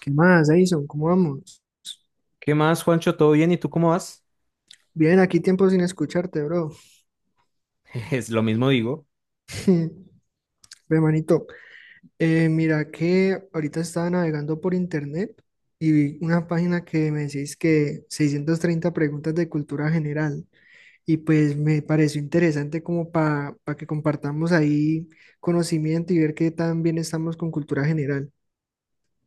¿Qué más, Edison? ¿Cómo vamos? ¿Qué más, Juancho? ¿Todo bien? ¿Y tú cómo vas? Bien, aquí tiempo sin escucharte, bro. Es lo mismo digo. Ve, manito. Mira que ahorita estaba navegando por internet y vi una página que me decís que 630 preguntas de cultura general. Y pues me pareció interesante como para que compartamos ahí conocimiento y ver qué tan bien estamos con cultura general.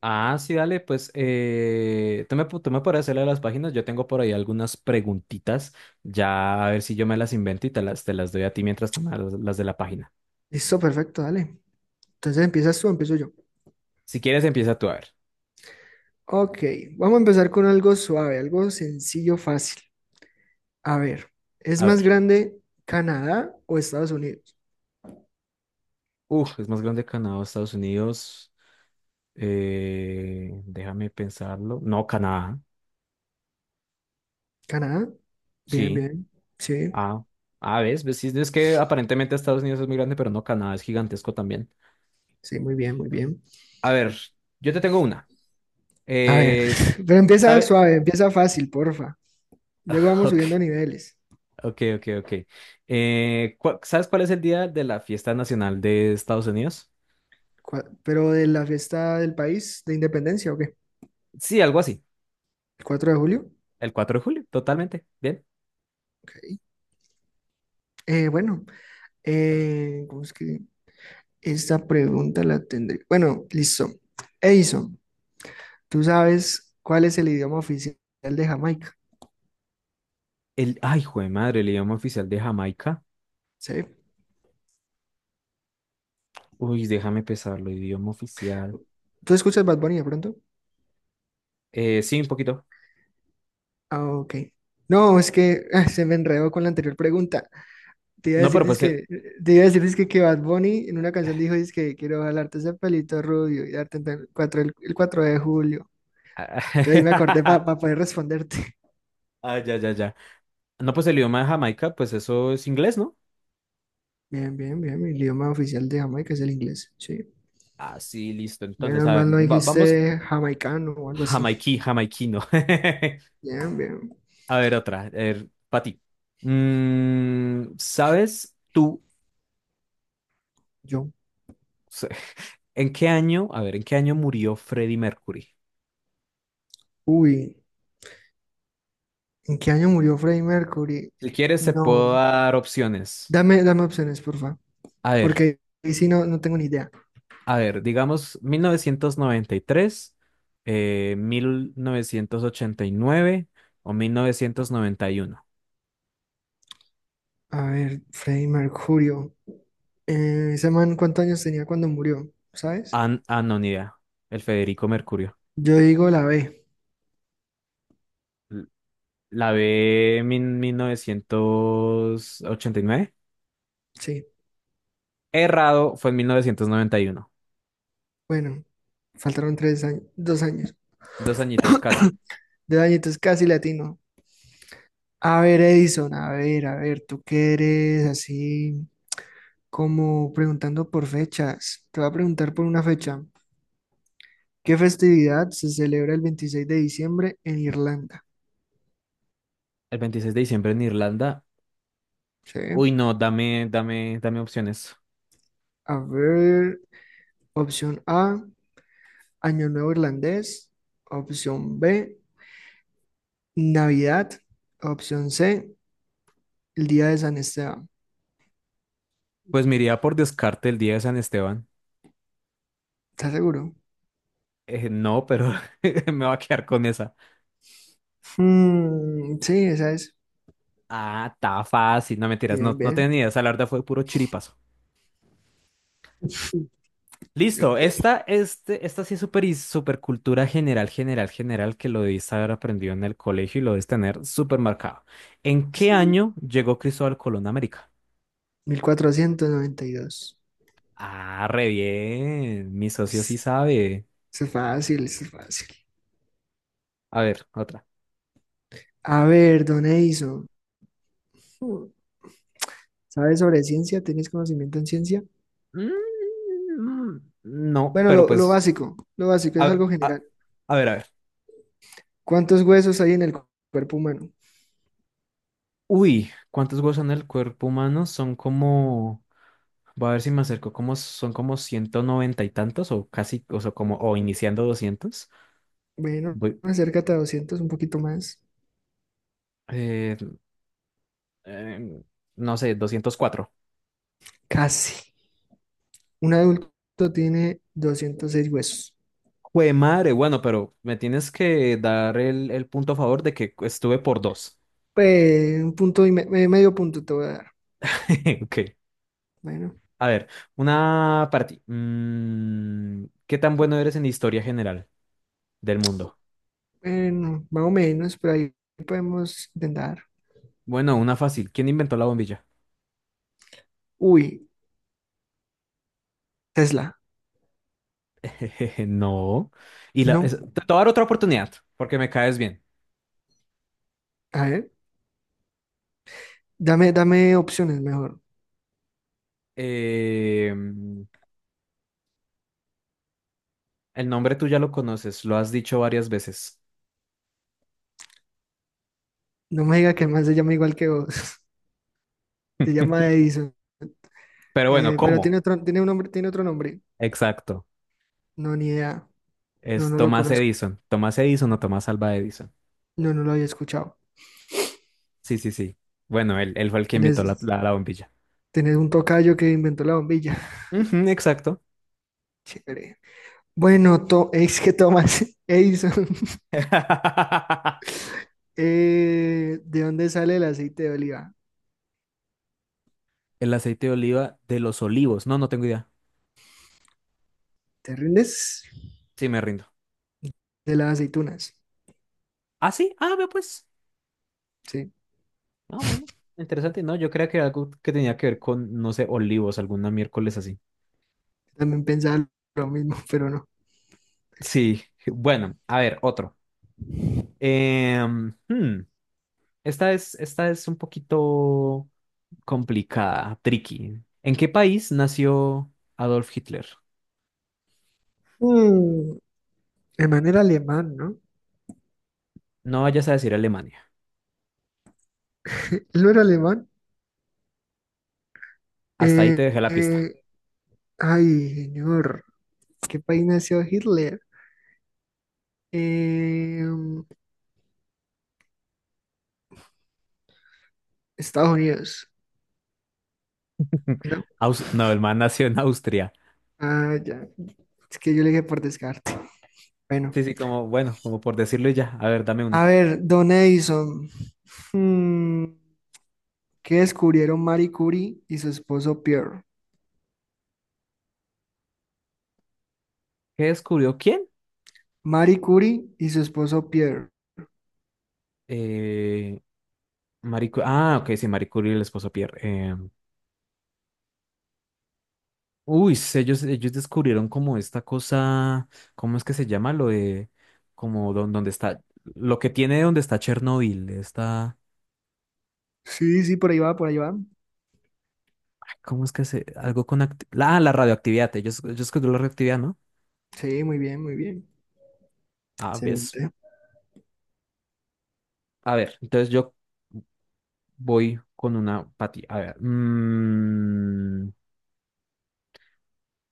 Ah, sí, dale, pues tú me, tú me podrás hacerle a las páginas. Yo tengo por ahí algunas preguntitas. Ya a ver si yo me las invento y te las doy a ti mientras tú me das las de la página. Listo, perfecto, dale. Entonces empiezas tú, o empiezo yo. Si quieres, empieza tú a ver. Ok, vamos a empezar con algo suave, algo sencillo, fácil. A ver, ¿es A más ver. grande Canadá o Estados Unidos? Uf, ¿es más grande Canadá o Estados Unidos? Déjame pensarlo. No, Canadá. Canadá. Bien, Sí. bien. Sí, Ah, ah, ves, sí, es que aparentemente Estados Unidos es muy grande, pero no, Canadá es gigantesco también. sí, muy bien, muy bien. A ver, yo te tengo una. A ver, Es, pero empieza ¿sabe? suave, empieza fácil, porfa. Luego vamos subiendo Ok, niveles. ok. ¿Sabes cuál es el día de la fiesta nacional de Estados Unidos? Pero de la fiesta del país de independencia, ¿o qué? Sí, algo así. ¿El 4 de julio? El 4 de julio, totalmente. Bien. Ok. Eh, bueno, ¿Cómo es que esta pregunta la tendré? Bueno, listo. Edison, ¿tú sabes cuál es el idioma oficial de Jamaica? El, ay, jue madre, el idioma oficial de Jamaica. ¿Sí? Uy, déjame pesarlo, idioma oficial. ¿Tú escuchas Bad Bunny de pronto? Sí, un poquito. Ah, ok. No, es que se me enredó con la anterior pregunta. Te iba a No, decir, pero pues el... dizque- te iba a decir dizque que Bad Bunny en una canción dijo, que quiero jalarte ese pelito rubio y darte el 4 el 4 de julio. Entonces ahí me acordé para poder responderte. Ah, ya, ya, ya. No, pues el idioma de Jamaica, pues eso es inglés, ¿no? Bien, bien, bien. El idioma oficial de Jamaica es el inglés. Sí. Ah, sí, listo. Entonces, Menos a ver, mal no vamos dijiste jamaicano o algo así. Jamaiquino. Bien, bien. A ver, otra. A ver, para ti. Mm, ¿sabes tú Yo. se- en qué año, a ver, en qué año murió Freddie Mercury? Uy, ¿en qué año murió Freddie Mercury? Si quieres, se puedo No. dar opciones. Dame, dame opciones, porfa. A ver, Porque ahí sí no tengo ni idea. Digamos 1993, 1989 o 1991. A ver, Freddie Mercurio. Ese man, ¿cuántos años tenía cuando murió? ¿Sabes? Ah, ah, no, ni idea. El Federico Mercurio. Yo digo la B. L- La B, 1989. Sí. Errado, fue en 1991. Bueno, faltaron tres años, dos años. Dos añitos casi. De añitos casi latino. A ver, Edison, a ver, tú qué eres así como preguntando por fechas. Te voy a preguntar por una fecha. ¿Qué festividad se celebra el 26 de diciembre en Irlanda? El 26 de diciembre en Irlanda. Sí. Uy, no, dame opciones. A ver, opción A, Año Nuevo Irlandés. Opción B. Navidad, opción C, el día de San Esteban. Pues me iría por descarte el día de San Esteban. ¿Estás seguro? No, pero me va a quedar con esa. Mm, sí, esa es. Ah, está fácil. No mentiras, no, Bien, no tenía bien. ni idea. Esa larda fue puro chiripazo. Listo, Ok. Esta sí es súper y súper cultura general, general, que lo debiste haber aprendido en el colegio y lo debes tener súper marcado. ¿En qué año llegó Cristóbal Colón a América? 1492. Ah, re bien. Mi socio sí Pss, sabe. eso es fácil, eso es fácil. A ver, otra. A ver, don Edison, hmm, ¿sabes sobre ciencia? ¿Tienes conocimiento en ciencia? Mm, no, Bueno, pero pues, lo básico es a, algo a- general. a ver, ¿Cuántos huesos hay en el cuerpo humano? Uy, ¿cuántos huesos son en el cuerpo humano? Son como, voy a ver si me acerco, como son como 190 y tantos o casi, o sea, como, o iniciando 200. Bueno, Voy, acércate a 200, un poquito más. eh, eh, no sé, 204. Casi. Un adulto tiene 206 huesos. Jue madre, bueno, pero me tienes que dar el punto a favor de que estuve por dos. Pues un punto y medio punto te voy a dar. Ok, Bueno, a ver, una para ti. Mm, ¿qué tan bueno eres en historia general del mundo? bueno, más o menos, pero ahí podemos intentar. Bueno, una fácil. ¿Quién inventó la bombilla? Uy, Tesla. Jejeje, no. Y la, No. Te voy a dar otra oportunidad, porque me caes bien. A ver, dame, dame opciones mejor. Eh, el nombre tú ya lo conoces, lo has dicho varias veces. No me diga que más se llama igual que vos. Se llama Edison. Pero bueno, Pero ¿cómo? tiene otro, tiene un nombre, tiene otro nombre. Exacto. No, ni idea. No, Es no lo Tomás conozco. Edison. Tomás Edison o Tomás Alva Edison. No, no lo había escuchado. Sí, sí, sí. Bueno, él fue el que inventó la, Tienes, la bombilla. tienes un tocayo que inventó la bombilla. Ujú, exacto. Chévere. Bueno, es que Tomás Edison. ¿De dónde sale el aceite de oliva? El aceite de oliva de los olivos. No, no tengo idea. ¿Te rindes? Sí, me rindo. De las aceitunas. Ah, sí. Ah, ve pues. Sí, Ah, bueno, interesante. No, yo creía que era algo que tenía que ver con, no sé, olivos, alguna miércoles así. también pensaba lo mismo, pero no. Sí, bueno, a ver, otro. Em, hmm, esta es un poquito complicada, tricky. ¿En qué país nació Adolf Hitler? Mm, el man era alemán, ¿no? No vayas a decir Alemania. Él no era alemán. Hasta ahí te Eh, dejé la pista. eh, ay, señor. ¿Qué país nació Hitler? Eh, Estados Unidos. No. No, el man nació en Austria. Ah, ya. Es que yo le dije por descarte. Bueno. Sí, sí, como, bueno, como por decirlo y ya. A ver, dame A una. ver, Don Edison. Mm, ¿qué descubrieron Marie Curie y su esposo Pierre? ¿Qué descubrió quién? Marie Curie y su esposo Pierre. Eh, Ah, ok, sí, Marie Curie y el esposo Pierre. em, Uy, sí, ellos descubrieron como esta cosa, ¿cómo es que se llama? Lo de, como donde está, lo que tiene donde está Chernobyl, está, Sí, sí, por ahí va, por ahí va. ¿cómo es que se, la, la radioactividad, ellos descubrieron la radioactividad, ¿no? Sí, muy bien, muy bien. Ah, ves. Excelente. A ver, entonces yo voy con una pati, a ver, mm,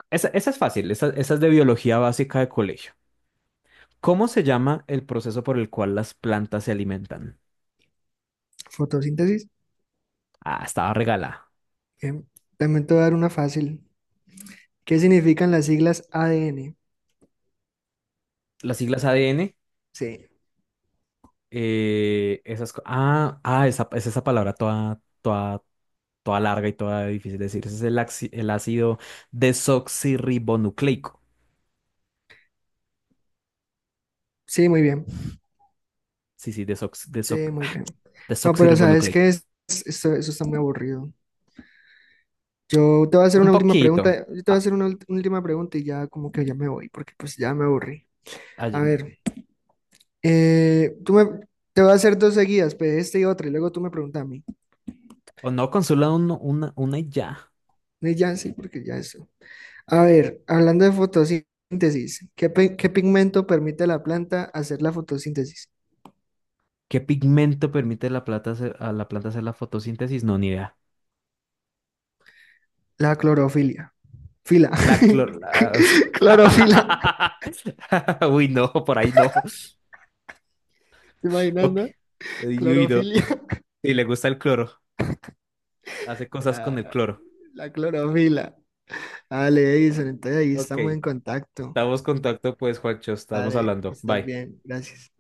esa es fácil, esa es de biología básica de colegio. ¿Cómo se llama el proceso por el cual las plantas se alimentan? Fotosíntesis. Ah, estaba regalada. Bien. También te voy a dar una fácil. ¿Qué significan las siglas ADN? Las siglas ADN. Sí, Esas co- ah, ah, esa, es esa palabra toda, toda larga y toda difícil de decir. Ese es el, el ácido desoxirribonucleico. sí, muy bien. Sí, sí, Sí, muy bien. No, pero sabes desoxirribonucleico. que eso está muy aburrido. Yo te voy a hacer Un una última poquito. pregunta. Yo te voy a Ah, hacer una última pregunta y ya como que ya me voy, porque pues ya me aburrí. ay, A ver, eh, tú me, te voy a hacer dos seguidas, pues, este y otra, y luego tú me preguntas a mí. o no, consula una y ya. Y ya sí, porque ya eso. A ver, hablando de fotosíntesis, ¿qué pigmento permite a la planta hacer la fotosíntesis? ¿Qué pigmento permite la a la planta hacer la fotosíntesis? No, ni idea. La clorofilia. Fila. La clor la- Clorofila. Uy, no, por ahí no. ¿Te imaginas, Ok. no? Uy, no. Clorofilia. Sí, le gusta el cloro. Hace cosas con el Ah, cloro. la clorofila. Dale, Edison, entonces ahí Ok. estamos en contacto. Estamos en contacto, pues, Juancho. Estamos Dale, que hablando. estés Bye. bien. Gracias.